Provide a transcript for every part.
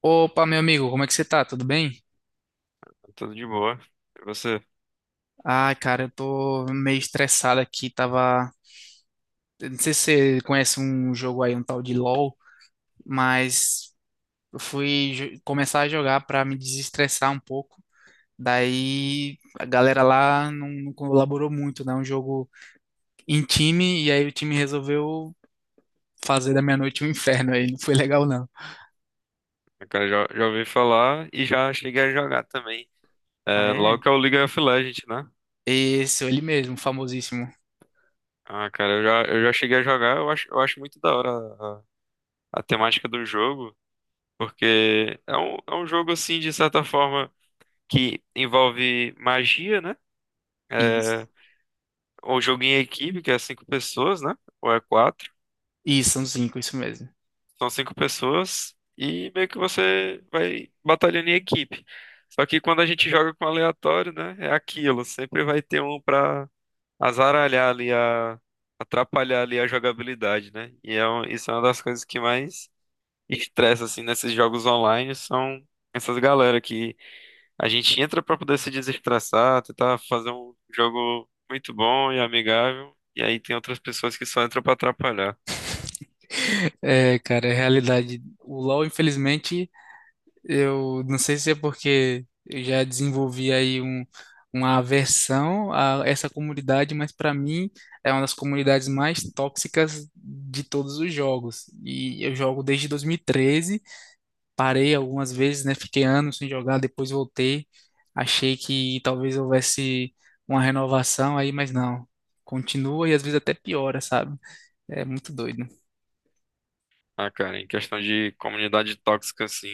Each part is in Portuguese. Opa, meu amigo, como é que você tá? Tudo bem? Tudo de boa. E você? Ai, cara, eu tô meio estressado aqui, tava. Eu não sei se você conhece um jogo aí, um tal de LoL, mas eu começar a jogar pra me desestressar um pouco. Daí a galera lá não colaborou muito, né? Um jogo em time, e aí o time resolveu fazer da minha noite um inferno aí, não foi legal não. Cara, já ouvi falar e já cheguei a jogar também. Ah, É, logo é? que é o League of Legends, né? Esse, ele mesmo, famosíssimo. Ah, cara, eu já cheguei a jogar, eu acho muito da hora a temática do jogo, porque é um jogo, assim, de certa forma, que envolve magia, né? Isso, É um jogo em equipe, que é cinco pessoas, né? Ou é quatro. isso, são cinco, isso mesmo. São cinco pessoas e meio que você vai batalhando em equipe. Só que quando a gente joga com aleatório, né? É aquilo. Sempre vai ter um pra azaralhar ali, atrapalhar ali a jogabilidade, né? E isso é uma das coisas que mais estressa, assim, nesses jogos online, são essas galera que a gente entra pra poder se desestressar, tentar fazer um jogo muito bom e amigável. E aí tem outras pessoas que só entram pra atrapalhar. É, cara, é realidade. O LoL, infelizmente, eu não sei se é porque eu já desenvolvi aí uma aversão a essa comunidade, mas pra mim é uma das comunidades mais tóxicas de todos os jogos. E eu jogo desde 2013, parei algumas vezes, né? Fiquei anos sem jogar, depois voltei. Achei que talvez houvesse uma renovação aí, mas não. Continua e às vezes até piora, sabe? É muito doido. Ah, cara, em questão de comunidade tóxica, assim,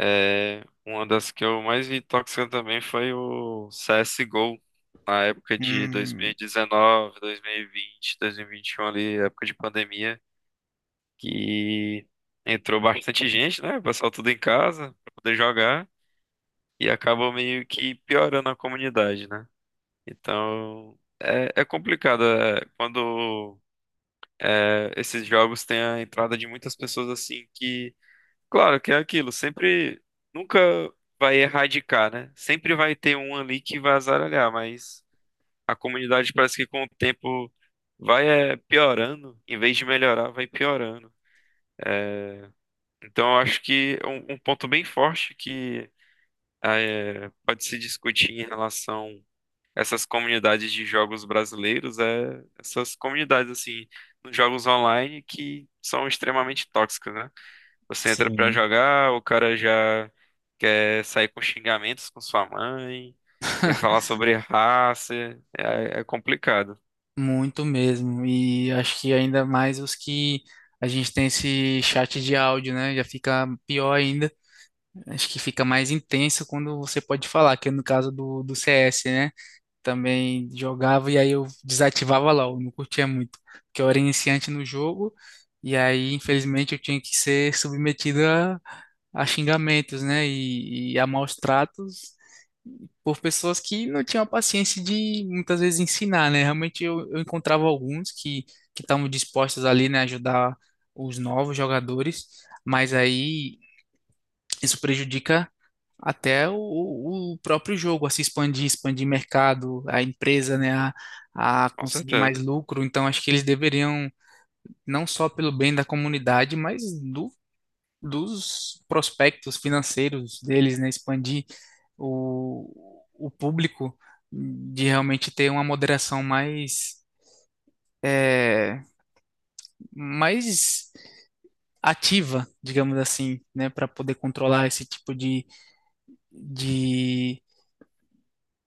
uma das que eu mais vi tóxica também foi o CSGO, na época de Hum, 2019, 2020, 2021, ali, época de pandemia, que entrou bastante gente, né? O pessoal tudo em casa pra poder jogar e acabou meio que piorando a comunidade, né? Então, é complicado, quando esses jogos têm a entrada de muitas pessoas, assim, que claro que é aquilo, sempre nunca vai erradicar, né? Sempre vai ter um ali que vai azaralhar, mas a comunidade parece que com o tempo vai piorando, em vez de melhorar, vai piorando. Então eu acho que é um ponto bem forte que pode se discutir em relação a essas comunidades de jogos brasileiros é essas comunidades assim, nos jogos online que são extremamente tóxicas, né? Você entra pra sim. jogar, o cara já quer sair com xingamentos com sua mãe, quer falar sobre raça, é complicado, Muito mesmo. E acho que ainda mais os que a gente tem esse chat de áudio, né? Já fica pior ainda. Acho que fica mais intenso quando você pode falar, que é no caso do CS, né? Também jogava e aí eu desativava LOL, não curtia muito, porque eu era iniciante no jogo e aí, infelizmente, eu tinha que ser submetido a xingamentos, né? E a maus tratos. Por pessoas que não tinham a paciência de muitas vezes ensinar, né? Realmente eu encontrava alguns que estavam dispostos ali, né, a ajudar os novos jogadores, mas aí isso prejudica até o próprio jogo a se expandir, expandir mercado, a empresa, né, a com conseguir mais certeza. lucro. Então acho que eles deveriam não só pelo bem da comunidade, mas do dos prospectos financeiros deles, né? Expandir o público, de realmente ter uma moderação é, mais ativa, digamos assim, né? Para poder controlar esse tipo de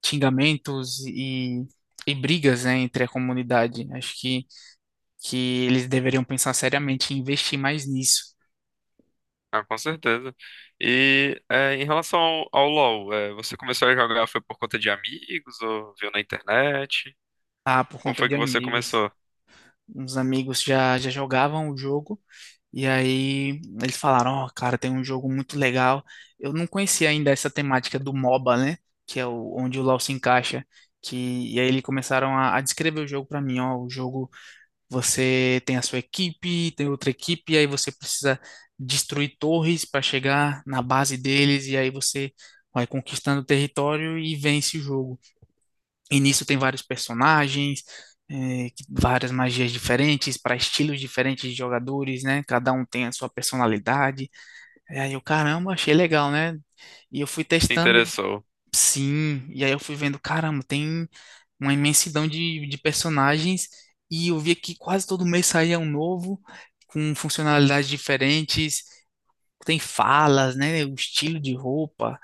xingamentos e. E brigas, né, entre a comunidade. Acho que eles deveriam pensar seriamente em investir mais nisso. Ah, com certeza. E em relação ao LoL, você começou a jogar foi por conta de amigos ou viu na internet? Ah, por Como conta foi de que você amigos. começou? Uns amigos já jogavam o jogo. E aí eles falaram, ó, cara, tem um jogo muito legal. Eu não conhecia ainda essa temática do MOBA, né? Que é o, onde o LoL se encaixa. Que, e aí eles começaram a descrever o jogo pra mim, ó, o jogo você tem a sua equipe, tem outra equipe, e aí você precisa destruir torres pra chegar na base deles, e aí você vai conquistando o território e vence o jogo. E nisso tem vários personagens, é, várias magias diferentes, para estilos diferentes de jogadores, né? Cada um tem a sua personalidade. E aí eu, caramba, achei legal, né? E eu fui Te interessou? Sim. E aí eu fui vendo, caramba, tem uma imensidão de personagens. E eu via que quase todo mês saía um novo, com funcionalidades diferentes. Tem falas, né? O estilo de roupa.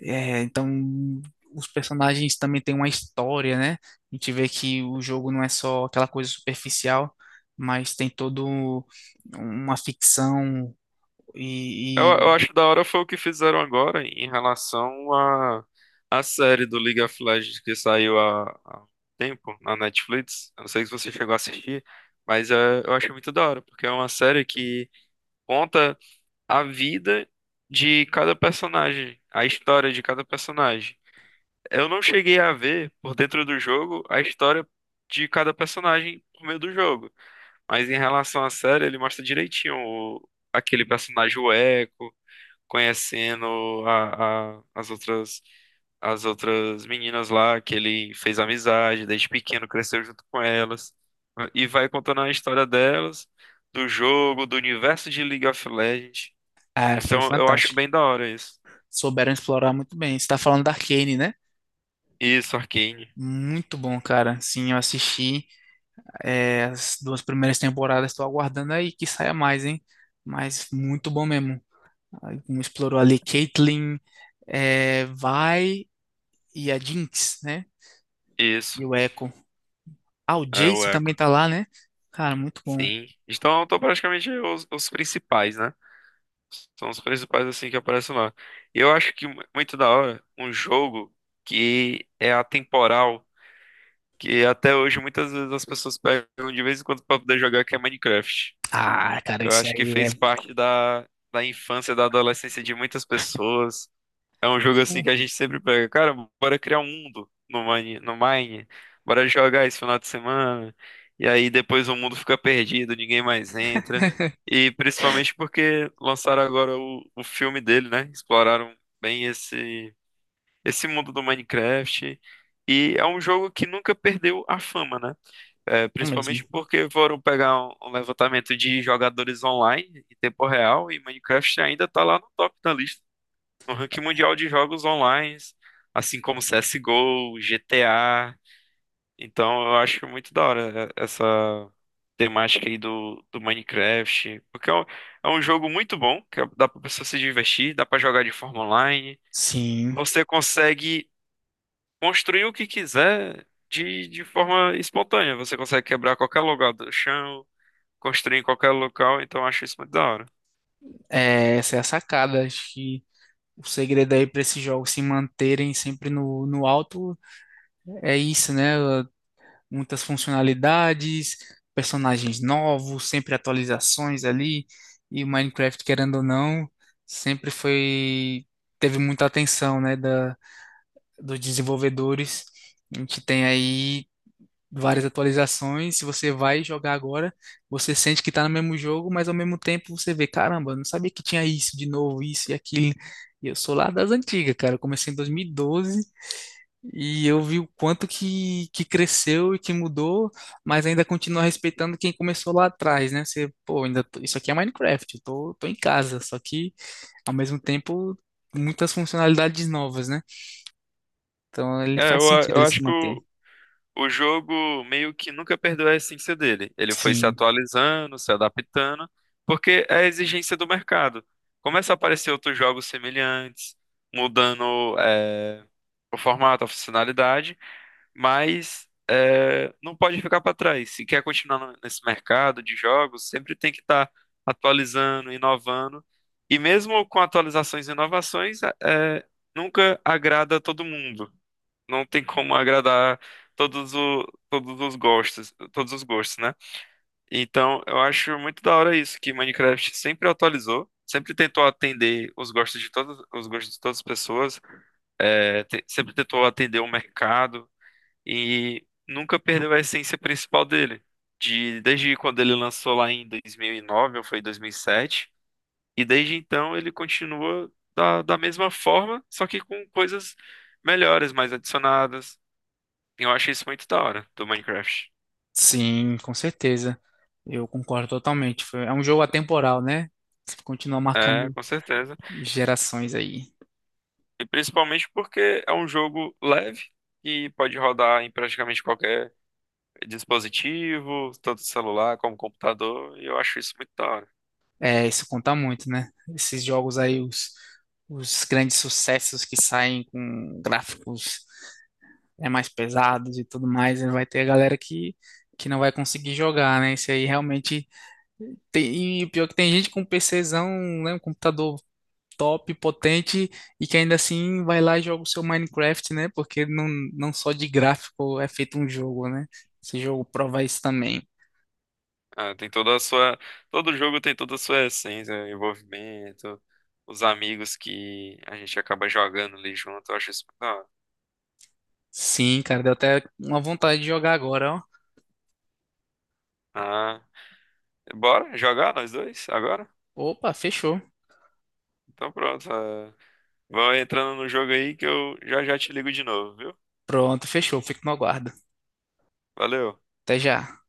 É, então os personagens também têm uma história, né? A gente vê que o jogo não é só aquela coisa superficial, mas tem todo uma ficção Eu, e, eu e- acho da hora foi o que fizeram agora em relação à série do League of Legends que saiu há um tempo na Netflix. Eu não sei se você chegou a assistir, mas eu acho muito da hora, porque é uma série que conta a vida de cada personagem, a história de cada personagem. Eu não cheguei a ver por dentro do jogo a história de cada personagem por meio do jogo, mas em relação à série, ele mostra direitinho aquele personagem, o Echo conhecendo as outras meninas lá que ele fez amizade desde pequeno, cresceu junto com elas e vai contando a história delas, do jogo, do universo de League of Legends. ah, foi Então eu acho fantástico. bem da hora isso. Souberam explorar muito bem. Você está falando da Arcane, né? Isso, Arcane. Muito bom, cara. Sim, eu assisti é, as duas primeiras temporadas. Estou aguardando aí que saia mais, hein? Mas muito bom mesmo. Aí, como explorou ali Caitlyn, é, Vi e a Jinx, né? Isso, E o Echo. Ah, o é o Jace também Echo. tá lá, né? Cara, muito bom. Sim. Então estão praticamente os principais, né? São os principais assim que aparecem lá. Eu acho que muito da hora um jogo que é atemporal, que até hoje muitas vezes as pessoas pegam de vez em quando para poder jogar, que é Minecraft. Ah, cara, Eu esse acho que aí é fez parte da infância, da adolescência de muitas pessoas. É um jogo assim bom que a gente sempre pega, cara, bora criar um mundo no Mine, no Mine, bora jogar esse final de semana. E aí depois o mundo fica perdido, ninguém mais entra. E principalmente porque lançaram agora o filme dele, né? Exploraram bem esse mundo do Minecraft. E é um jogo que nunca perdeu a fama, né? É, principalmente mesmo. porque foram pegar um levantamento de jogadores online em tempo real e Minecraft ainda está lá no top da lista, no ranking mundial de jogos online, assim como CSGO, GTA. Então eu acho muito da hora essa temática aí do Minecraft, porque é um jogo muito bom, que dá pra pessoa se divertir, dá pra jogar de forma online. Sim, Você consegue construir o que quiser de forma espontânea. Você consegue quebrar qualquer lugar do chão, construir em qualquer local, então eu acho isso muito da hora. é, essa é a sacada. Acho que o segredo aí para esses jogos se manterem sempre no alto é isso, né? Muitas funcionalidades, personagens novos, sempre atualizações ali. E o Minecraft, querendo ou não, sempre foi teve muita atenção, né, da, dos desenvolvedores. A gente tem aí várias atualizações. Se você vai jogar agora, você sente que tá no mesmo jogo, mas ao mesmo tempo você vê, caramba, eu não sabia que tinha isso de novo, isso e aquilo. E eu sou lá das antigas, cara. Eu comecei em 2012 e doze e eu vi o quanto que cresceu e que mudou, mas ainda continua respeitando quem começou lá atrás, né? Você, pô, ainda isso aqui é Minecraft, eu tô em casa, só que ao mesmo tempo muitas funcionalidades novas, né? Então ele É, faz sentido eu ele se acho que manter. o jogo meio que nunca perdeu a essência dele. Ele foi se Sim. atualizando, se adaptando, porque é a exigência do mercado. Começa a aparecer outros jogos semelhantes, mudando, o formato, a funcionalidade, mas não pode ficar para trás. Se quer continuar nesse mercado de jogos, sempre tem que estar atualizando, inovando. E mesmo com atualizações e inovações, é, nunca agrada todo mundo. Não tem como agradar todos, todos os gostos, né? Então, eu acho muito da hora isso, que Minecraft sempre atualizou, sempre tentou atender os gostos de todas as pessoas, sempre tentou atender o mercado e nunca perdeu a essência principal dele. Desde quando ele lançou lá em 2009, ou foi 2007, e sete, e desde então ele continua da mesma forma, só que com coisas melhores, mais adicionadas. E eu acho isso muito da hora do Minecraft. Sim, com certeza. Eu concordo totalmente. É um jogo atemporal, né? Você continua É, marcando com certeza. gerações aí. E principalmente porque é um jogo leve e pode rodar em praticamente qualquer dispositivo, tanto celular como computador, e eu acho isso muito da hora. É, isso conta muito, né? Esses jogos aí, os grandes sucessos que saem com gráficos é, mais pesados e tudo mais, né? Vai ter a galera que não vai conseguir jogar, né? Isso aí realmente tem. E o pior é que tem gente com PCzão, né? Um computador top, potente e que ainda assim vai lá e joga o seu Minecraft, né? Porque não, não só de gráfico é feito um jogo, né? Esse jogo prova isso também. Ah, tem toda a sua. Todo jogo tem toda a sua essência, né? Envolvimento, os amigos que a gente acaba jogando ali junto. Eu acho isso muito da hora. Sim, cara, deu até uma vontade de jogar agora, ó. Ah, bora jogar nós dois agora? Opa, fechou. Então pronto. Ah, vão entrando no jogo aí que eu já já te ligo de novo, viu? Pronto, fechou. Fico no aguardo. Valeu. Até já.